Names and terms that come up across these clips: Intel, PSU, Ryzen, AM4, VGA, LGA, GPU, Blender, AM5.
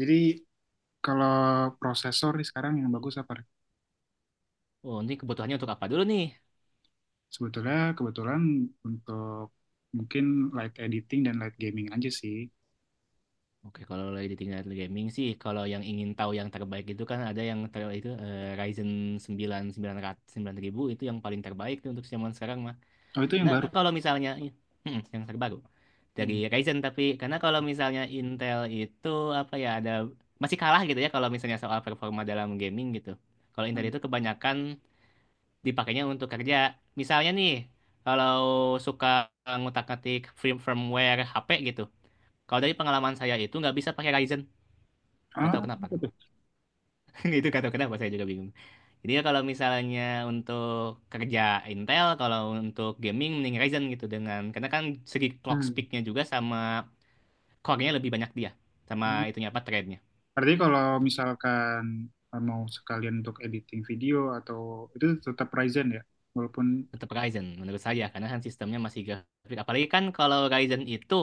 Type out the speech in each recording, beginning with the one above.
Jadi kalau prosesor nih sekarang yang bagus apa? Oh, ini kebutuhannya untuk apa dulu nih? Sebetulnya kebetulan untuk mungkin light editing dan light gaming aja sih. Oke, kalau lagi di tingkat gaming sih, kalau yang ingin tahu yang terbaik itu kan ada yang ter itu eh, Ryzen sembilan sembilan ratus sembilan ribu itu yang paling terbaik tuh untuk zaman sekarang mah. Oh itu yang Nah, baru. kalau misalnya yang terbaru dari Hmm. Ryzen, tapi karena kalau misalnya Intel itu apa ya ada masih kalah gitu ya kalau misalnya soal performa dalam gaming gitu. Kalau Intel itu kebanyakan dipakainya untuk kerja. Misalnya nih, kalau suka ngutak-ngatik firmware HP gitu. Kalau dari pengalaman saya itu nggak bisa pakai Ryzen. Nggak Ah, tahu kenapa apa tuh. tuh? Itu nggak tahu kenapa saya juga bingung. Jadi ya kalau misalnya untuk kerja Intel, kalau untuk gaming mending Ryzen gitu dengan karena kan segi clock Hmm. speed-nya juga sama core-nya lebih banyak dia, sama Hmm. itunya apa thread-nya. Berarti kalau misalkan mau sekalian untuk editing video atau itu tetap Ryzen ya, walaupun Tetap Ryzen menurut saya karena kan sistemnya masih grafik. Apalagi kan kalau Ryzen itu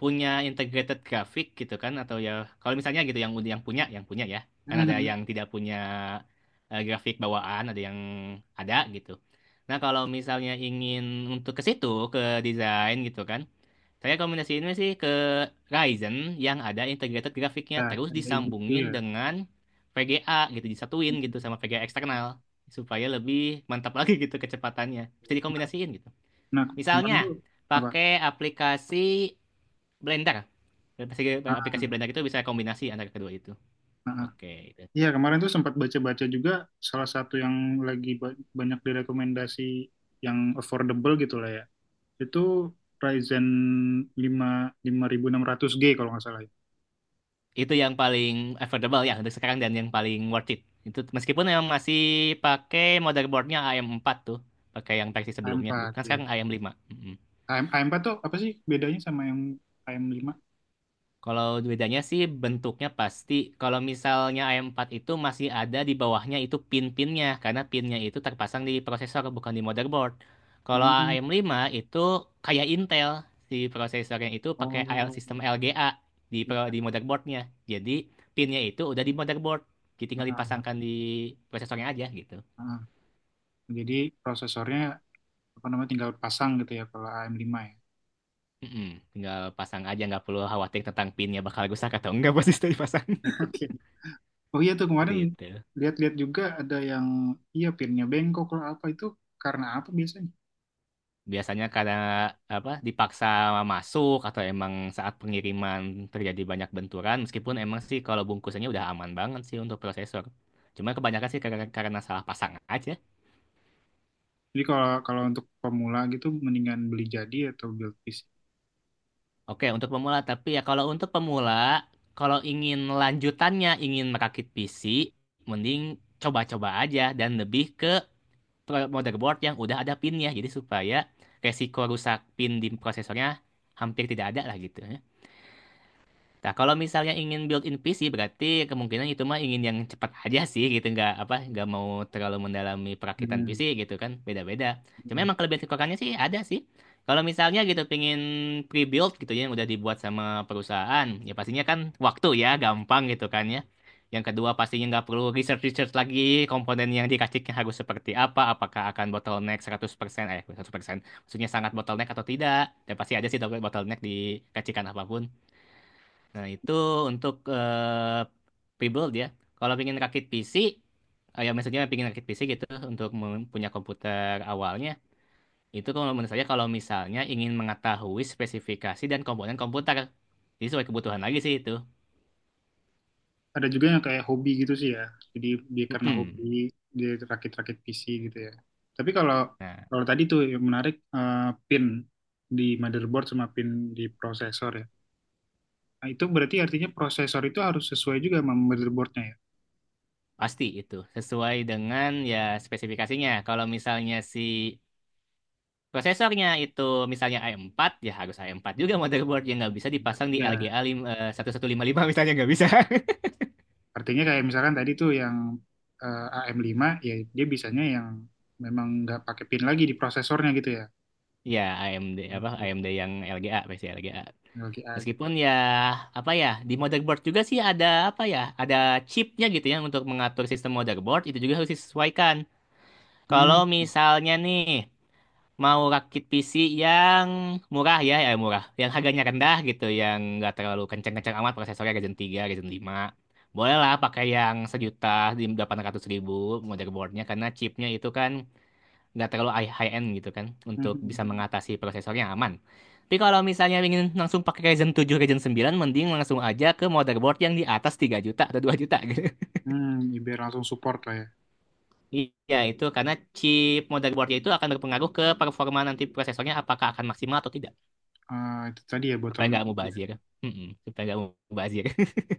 punya integrated grafik gitu kan, atau ya kalau misalnya gitu yang punya ya, kan ada yang tidak punya grafik bawaan, ada yang ada gitu. Nah kalau misalnya ingin untuk ke situ ke desain gitu kan, saya rekomendasiin sih ke Ryzen yang ada integrated grafiknya ya terus ada gitu ya. disambungin dengan VGA gitu, disatuin Hmm. gitu sama VGA eksternal supaya lebih mantap lagi gitu kecepatannya. Bisa dikombinasiin gitu. Nah kemarin Misalnya tuh apa? pakai aplikasi Blender, aplikasi Ah, aplikasi ah, belanja itu bisa kombinasi antara kedua itu. ah. Oke, itu. Iya, kemarin tuh sempat baca-baca juga salah satu yang lagi banyak direkomendasi yang affordable gitu lah ya. Itu Ryzen 5 5600G kalau nggak salah ya. Itu yang paling affordable ya untuk sekarang dan yang paling worth it. Itu meskipun yang masih pakai motherboardnya AM4 tuh, pakai yang versi a sebelumnya, empat bukan ya. sekarang AM5. AM, A4 tuh apa sih bedanya sama yang AM5? Kalau bedanya sih bentuknya pasti. Kalau misalnya AM4 itu masih ada di bawahnya itu pin-pinnya, karena pinnya itu terpasang di prosesor bukan di motherboard. Kalau Hmm. AM5 itu kayak Intel, si prosesornya itu pakai AL Oh, sistem LGA di iya. di motherboardnya. Jadi pinnya itu udah di motherboard, jadi tinggal Ah, dipasangkan ah, di prosesornya aja gitu. ah. Jadi prosesornya apa namanya tinggal pasang gitu ya kalau AM5 ya. Mm-mm. Tinggal pasang aja, nggak perlu khawatir tentang pinnya bakal rusak atau enggak pas itu dipasang. Oke. Oh iya tuh Seperti kemarin itu. lihat-lihat juga ada yang iya pinnya bengkok lah apa itu karena apa biasanya? Biasanya karena dipaksa masuk, atau emang saat pengiriman terjadi banyak benturan, meskipun emang sih kalau bungkusannya udah aman banget sih untuk prosesor. Cuma kebanyakan sih karena salah pasang aja. Jadi kalau kalau untuk pemula gitu mendingan beli jadi atau build piece. Oke, untuk pemula, tapi ya kalau untuk pemula kalau ingin lanjutannya ingin merakit PC, mending coba-coba aja dan lebih ke motherboard yang udah ada pinnya jadi, supaya resiko rusak pin di prosesornya hampir tidak ada lah gitu. Ya. Nah, kalau misalnya ingin built-in PC berarti kemungkinan itu mah ingin yang cepat aja sih gitu, nggak mau terlalu mendalami perakitan Hmm. PC gitu kan, beda-beda. Cuma Hmm. emang kelebihan kekurangannya sih ada sih. Kalau misalnya gitu pingin pre-built gitu ya yang udah dibuat sama perusahaan, ya pastinya kan waktu ya gampang gitu kan ya. Yang kedua pastinya nggak perlu research-research lagi komponen yang dikasihnya harus seperti apa, apakah akan bottleneck 100%, 100%, maksudnya sangat bottleneck atau tidak. Dan pasti ada sih bottleneck dikacikan apapun. Nah, itu untuk prebuild ya. Kalau pengen rakit PC, ya maksudnya pengen rakit PC gitu untuk mempunyai komputer awalnya, itu kalau menurut saya, kalau misalnya ingin mengetahui spesifikasi dan komponen komputer, jadi sesuai kebutuhan lagi sih itu. Ada juga yang kayak hobi gitu sih ya. Jadi dia karena hobi Mm-mm. dia rakit-rakit PC gitu ya. Tapi kalau Nah, kalau tadi tuh yang menarik pin di motherboard sama pin di prosesor ya. Nah, itu berarti artinya prosesor itu harus sesuai juga sama motherboardnya ya. pasti itu sesuai dengan ya spesifikasinya. Kalau misalnya si prosesornya itu misalnya i empat ya, harus i empat juga motherboard yang nggak bisa dipasang di Ya, LGA 1155 misalnya nggak bisa. artinya kayak misalkan tadi tuh yang AM5 ya dia bisanya yang memang nggak pakai pin lagi di prosesornya gitu ya. Ya, Oke, AMD yang LGA versi LGA. LGA. Meskipun ya apa ya di motherboard juga sih ada apa ya ada chipnya gitu ya untuk mengatur sistem motherboard itu juga harus disesuaikan. Hmm, Kalau misalnya nih mau rakit PC yang murah ya murah, yang harganya rendah gitu, yang nggak terlalu kencang-kencang amat prosesornya, Ryzen tiga Ryzen lima, bolehlah pakai yang 1.800.000 motherboardnya karena chipnya itu kan nggak terlalu high end gitu kan hmm, untuk hmm, bisa hmm, mengatasi prosesor yang aman. Tapi kalau misalnya ingin langsung pakai Ryzen tujuh, Ryzen sembilan, mending langsung aja ke motherboard yang di atas 3 juta atau 2 juta gitu. hmm. Ya, biar langsung support lah ya. Iya, itu karena chip motherboardnya itu akan berpengaruh ke performa nanti prosesornya apakah akan maksimal atau tidak, Eh, itu tadi ya supaya bottleneck nggak itu ya. mubazir. Mm-mm, supaya nggak mubazir.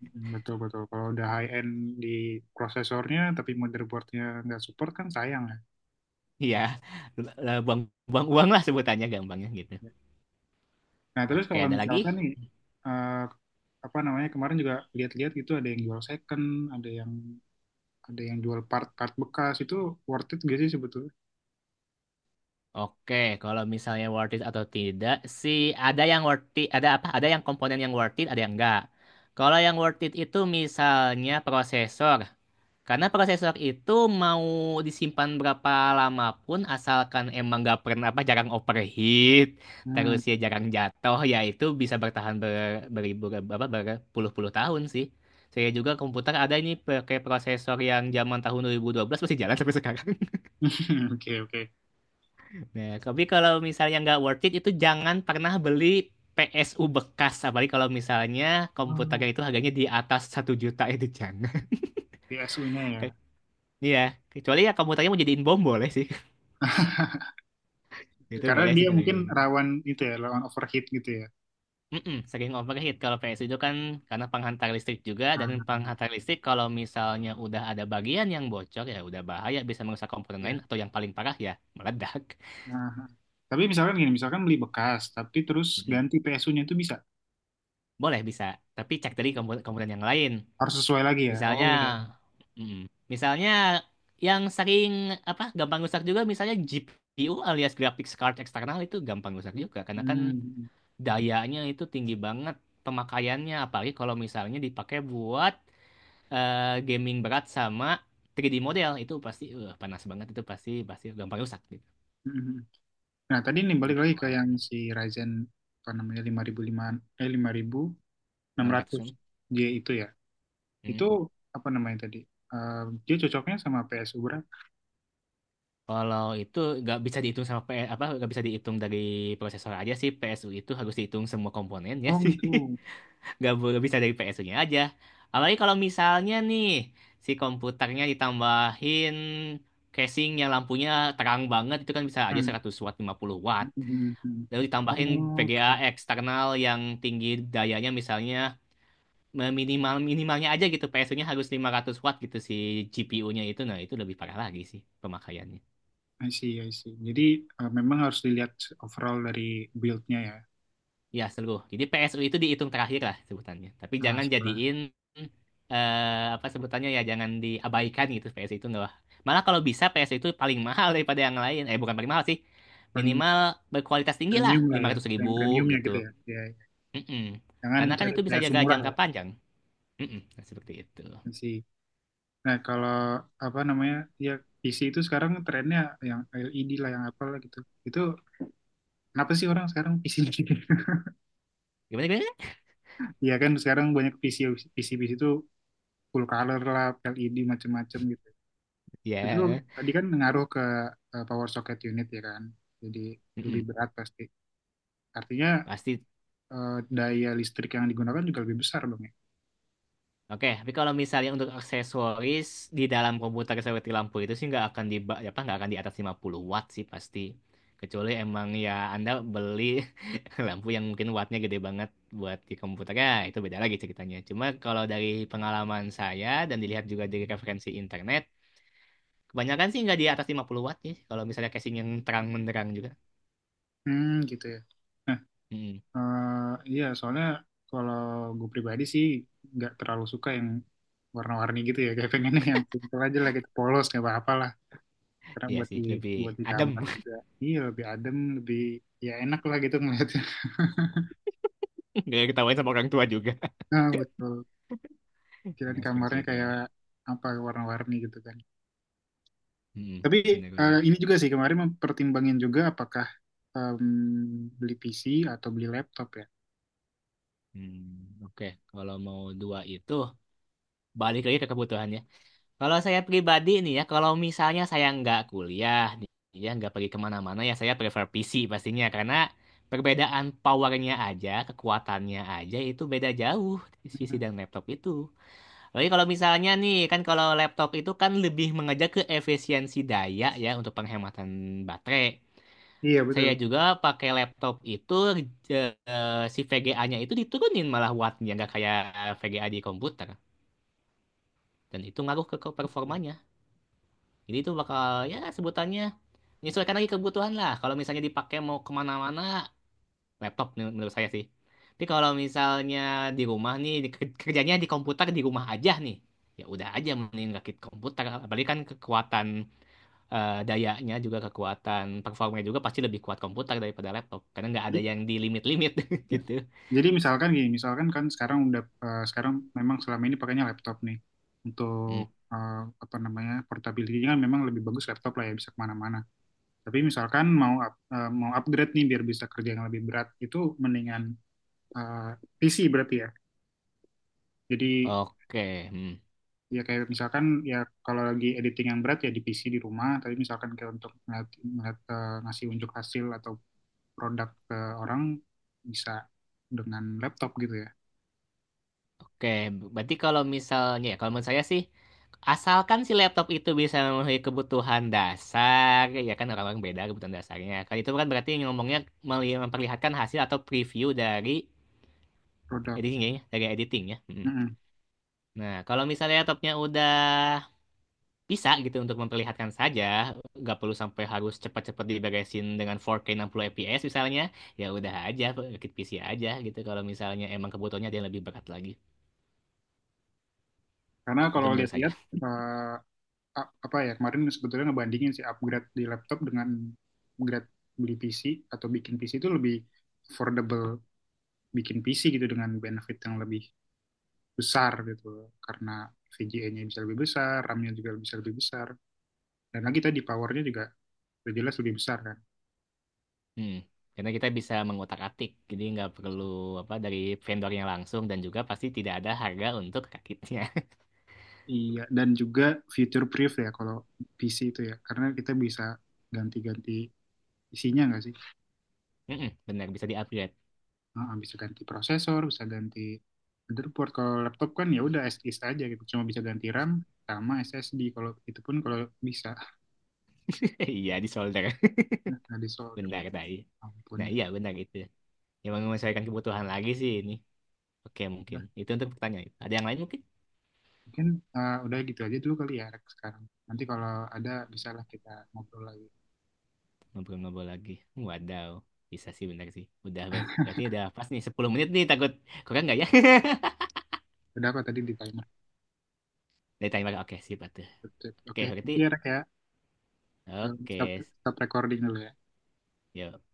Hmm, betul betul. Kalau udah high end di prosesornya tapi motherboardnya nggak support kan sayang ya. Iya, buang-buang uang lah sebutannya gampangnya gitu. Nah terus Oke, kalau ada lagi? misalkan nih eh, apa namanya kemarin juga lihat-lihat gitu ada yang jual second, ada yang ada yang jual part-part bekas itu worth it gak sih sebetulnya? Oke, kalau misalnya worth it atau tidak sih, ada yang worth it, ada apa? Ada yang komponen yang worth it, ada yang enggak. Kalau yang worth it itu misalnya prosesor. Karena prosesor itu mau disimpan berapa lama pun asalkan emang nggak pernah jarang overheat, terus Hmm. ya jarang jatuh, ya itu bisa bertahan beribu berpuluh-puluh tahun sih. Saya juga komputer ada ini pakai prosesor yang zaman tahun 2012 masih jalan sampai sekarang. Oke oke. Nah, tapi kalau misalnya nggak worth it itu, jangan pernah beli PSU bekas. Apalagi kalau misalnya komputernya Oh, itu harganya di atas 1 juta itu jangan. PSU-nya ya. Ke- Iya, kecuali ya komputernya mau jadiin bom boleh sih. Itu Karena boleh sih dia kalau mungkin kayak gitu. rawan itu ya, rawan overheat gitu ya. Mm-mm, sering overheat kalau PSU itu kan karena penghantar listrik juga, dan Ah, penghantar listrik kalau misalnya udah ada bagian yang bocor ya udah bahaya, bisa merusak komponen lain ya. atau yang paling parah ya meledak. Nah, tapi misalkan gini, misalkan beli bekas, tapi terus Mm-mm. ganti PSU-nya itu bisa. Boleh bisa, tapi cek dari komponen komponen yang lain. Harus sesuai lagi ya. Oh Misalnya, ya. mm misalnya yang sering gampang rusak juga misalnya GPU alias graphics card eksternal itu gampang rusak juga karena kan Hmm. dayanya itu tinggi banget pemakaiannya, apalagi kalau misalnya dipakai buat eh, gaming berat sama 3D model itu pasti panas banget itu pasti pasti gampang rusak gitu. Hmm. Hmm. Nah, tadi nih balik Gitu lagi ke yang kan si Ryzen apa namanya 5005 lima ribu enam ratus 600-an J itu ya. Itu an. apa namanya tadi? Eh, Dia cocoknya sama PSU berapa? Kalau itu nggak bisa dihitung sama PS apa nggak bisa dihitung dari prosesor aja sih, PSU itu harus dihitung semua komponennya Oh sih, gitu. nggak boleh bisa dari PSU-nya aja. Apalagi kalau misalnya nih si komputernya ditambahin casing yang lampunya terang banget itu kan bisa aja Hmm. 100 watt 50 watt. Hmm. Hmm. Lalu ditambahin Oh, VGA oke. Oke. eksternal yang tinggi dayanya misalnya, minimalnya aja gitu, PSU-nya harus 500 watt gitu si GPU-nya itu, nah itu lebih parah lagi sih pemakaiannya. I see, I see. Jadi memang harus dilihat overall dari build-nya ya. Ya, seluruh. Jadi PSU itu dihitung terakhir lah sebutannya. Tapi Nah, jangan setelah jadiin eh, apa sebutannya ya jangan diabaikan gitu, PSU itu enggak. Malah kalau bisa PSU itu paling mahal daripada yang lain. Eh, bukan paling mahal sih. paling Minimal berkualitas tinggi premium lah, lah lima ya, ratus yang ribu premiumnya gitu gitu. ya. Ya, ya. Mm-mm. Jangan Karena kan cari itu bisa kayak jaga murah jangka ya panjang. Mm-mm. Nah, seperti itu. masih. Nah, kalau apa namanya? Ya PC itu sekarang trennya yang LED lah yang apa lah gitu. Itu kenapa sih orang sekarang PC gitu? Gimana gimana? Iya kan sekarang banyak PC PC PC itu full color lah, LED macam-macam gitu. Itu Ya. tadi kan ngaruh ke power socket unit ya kan. Jadi lebih Mm-mm. berat pasti. Artinya Pasti. Daya listrik yang digunakan juga lebih besar dong ya. Oke, tapi kalau misalnya untuk aksesoris di dalam komputer seperti lampu itu sih nggak akan di ba- apa nggak akan di atas 50 watt sih pasti. Kecuali emang ya Anda beli lampu yang mungkin wattnya gede banget buat di komputer ya itu beda lagi ceritanya. Cuma kalau dari pengalaman saya dan dilihat juga dari referensi internet, kebanyakan sih nggak di atas 50 watt sih. Kalau misalnya casing yang terang menderang juga. Hmm, gitu ya. Mm-mm. Eh, iya, soalnya kalau gue pribadi sih nggak terlalu suka yang warna-warni gitu ya. Kayak pengennya yang simple aja lah, gitu polos nggak apa-apa lah. Karena Iya buat sih, di lebih buat di adem. kamar juga, iya lebih adem, lebih ya enak lah gitu ngeliatnya. Gak ketawain sama orang tua juga. Nah, betul. Kirain Ya, kamarnya seperti kayak itulah. apa warna-warni gitu kan. Mm-mm. Tapi Benar-benar. Ini juga sih kemarin mempertimbangin juga apakah em, beli PC atau beli laptop ya. Hmm, oke. Kalau mau dua itu, balik lagi ke kebutuhannya. Kalau saya pribadi nih ya, kalau misalnya saya nggak kuliah, ya nggak pergi kemana-mana ya, saya prefer PC pastinya. Karena perbedaan powernya aja, kekuatannya aja itu beda jauh di PC Hmm, dan laptop itu. Lagi kalau misalnya nih, kan kalau laptop itu kan lebih mengejar ke efisiensi daya ya untuk penghematan baterai. iya Saya betul. juga pakai laptop itu, eh, si VGA-nya itu diturunin malah wattnya, nggak kayak VGA di komputer, dan itu ngaruh ke performanya. Jadi itu bakal ya sebutannya menyesuaikan lagi kebutuhan lah. Kalau misalnya dipakai mau kemana-mana laptop menurut saya sih. Tapi kalau misalnya di rumah nih kerjanya di komputer di rumah aja nih, ya udah aja mending rakit komputer. Apalagi kan kekuatan dayanya juga kekuatan performanya juga pasti lebih kuat komputer daripada laptop karena nggak ada Iya. yang di limit-limit gitu. Jadi misalkan gini, misalkan kan sekarang sekarang memang selama ini pakainya laptop nih Hmm. untuk apa namanya portability kan memang lebih bagus laptop lah ya bisa kemana-mana. Tapi misalkan mau mau upgrade nih biar bisa kerja yang lebih berat itu mendingan eh, PC berarti ya. Jadi Oke, hmm. ya kayak misalkan ya kalau lagi editing yang berat ya di PC di rumah. Tapi misalkan kayak untuk ngeliat, ngasih unjuk hasil atau produk ke orang bisa dengan laptop gitu ya. Oke, berarti kalau misalnya ya, kalau menurut saya sih asalkan si laptop itu bisa memenuhi kebutuhan dasar, ya kan orang-orang beda kebutuhan dasarnya. Kalau itu kan berarti ngomongnya memperlihatkan hasil atau preview dari Produk. editingnya, ya, dari editingnya. Hmm. Nah, kalau misalnya laptopnya udah bisa gitu untuk memperlihatkan saja, nggak perlu sampai harus cepat-cepat diberesin dengan 4K 60 fps misalnya, ya udah aja rakit PC aja gitu kalau misalnya emang kebutuhannya dia lebih berat lagi, Karena itu kalau menurut saya. lihat-lihat eh, apa ya kemarin sebetulnya ngebandingin sih upgrade di laptop dengan upgrade beli PC atau bikin PC itu lebih affordable bikin PC gitu dengan benefit yang lebih besar gitu karena VGA-nya bisa lebih besar, RAM-nya juga bisa lebih besar dan lagi tadi powernya juga udah jelas lebih besar kan. Hmm. Karena kita bisa mengotak-atik jadi nggak perlu dari vendornya langsung dan juga pasti tidak ada harga untuk rakitnya. Iya, dan juga future proof ya kalau PC itu ya, karena kita bisa ganti-ganti isinya nggak sih? Mm-mm, benar bisa di-upgrade. Heeh, bisa ganti prosesor, bisa ganti motherboard. Kalau laptop kan ya udah SSD aja gitu, cuma bisa ganti RAM sama SSD. Kalau itu pun kalau bisa Iya di solder. nah, di solder. Benar tadi, Ampun. nah iya benar, itu yang menyesuaikan kebutuhan lagi sih ini. Oke Nah, mungkin itu untuk pertanyaan, ada yang lain mungkin? mungkin udah gitu aja dulu kali ya rek sekarang. Nanti kalau ada bisa lah kita ngobrol lagi. Ngobrol-ngobrol lagi. Wadaw. Bisa sih bener sih. Udah berarti udah pas nih 10 menit nih, takut kurang nggak ya? Udah kok tadi di timer. Dari timer. Oke, sip atuh. Oke, Oke, thank you berarti ya Rex ya. oke. Stop, stop recording dulu ya. Yuk.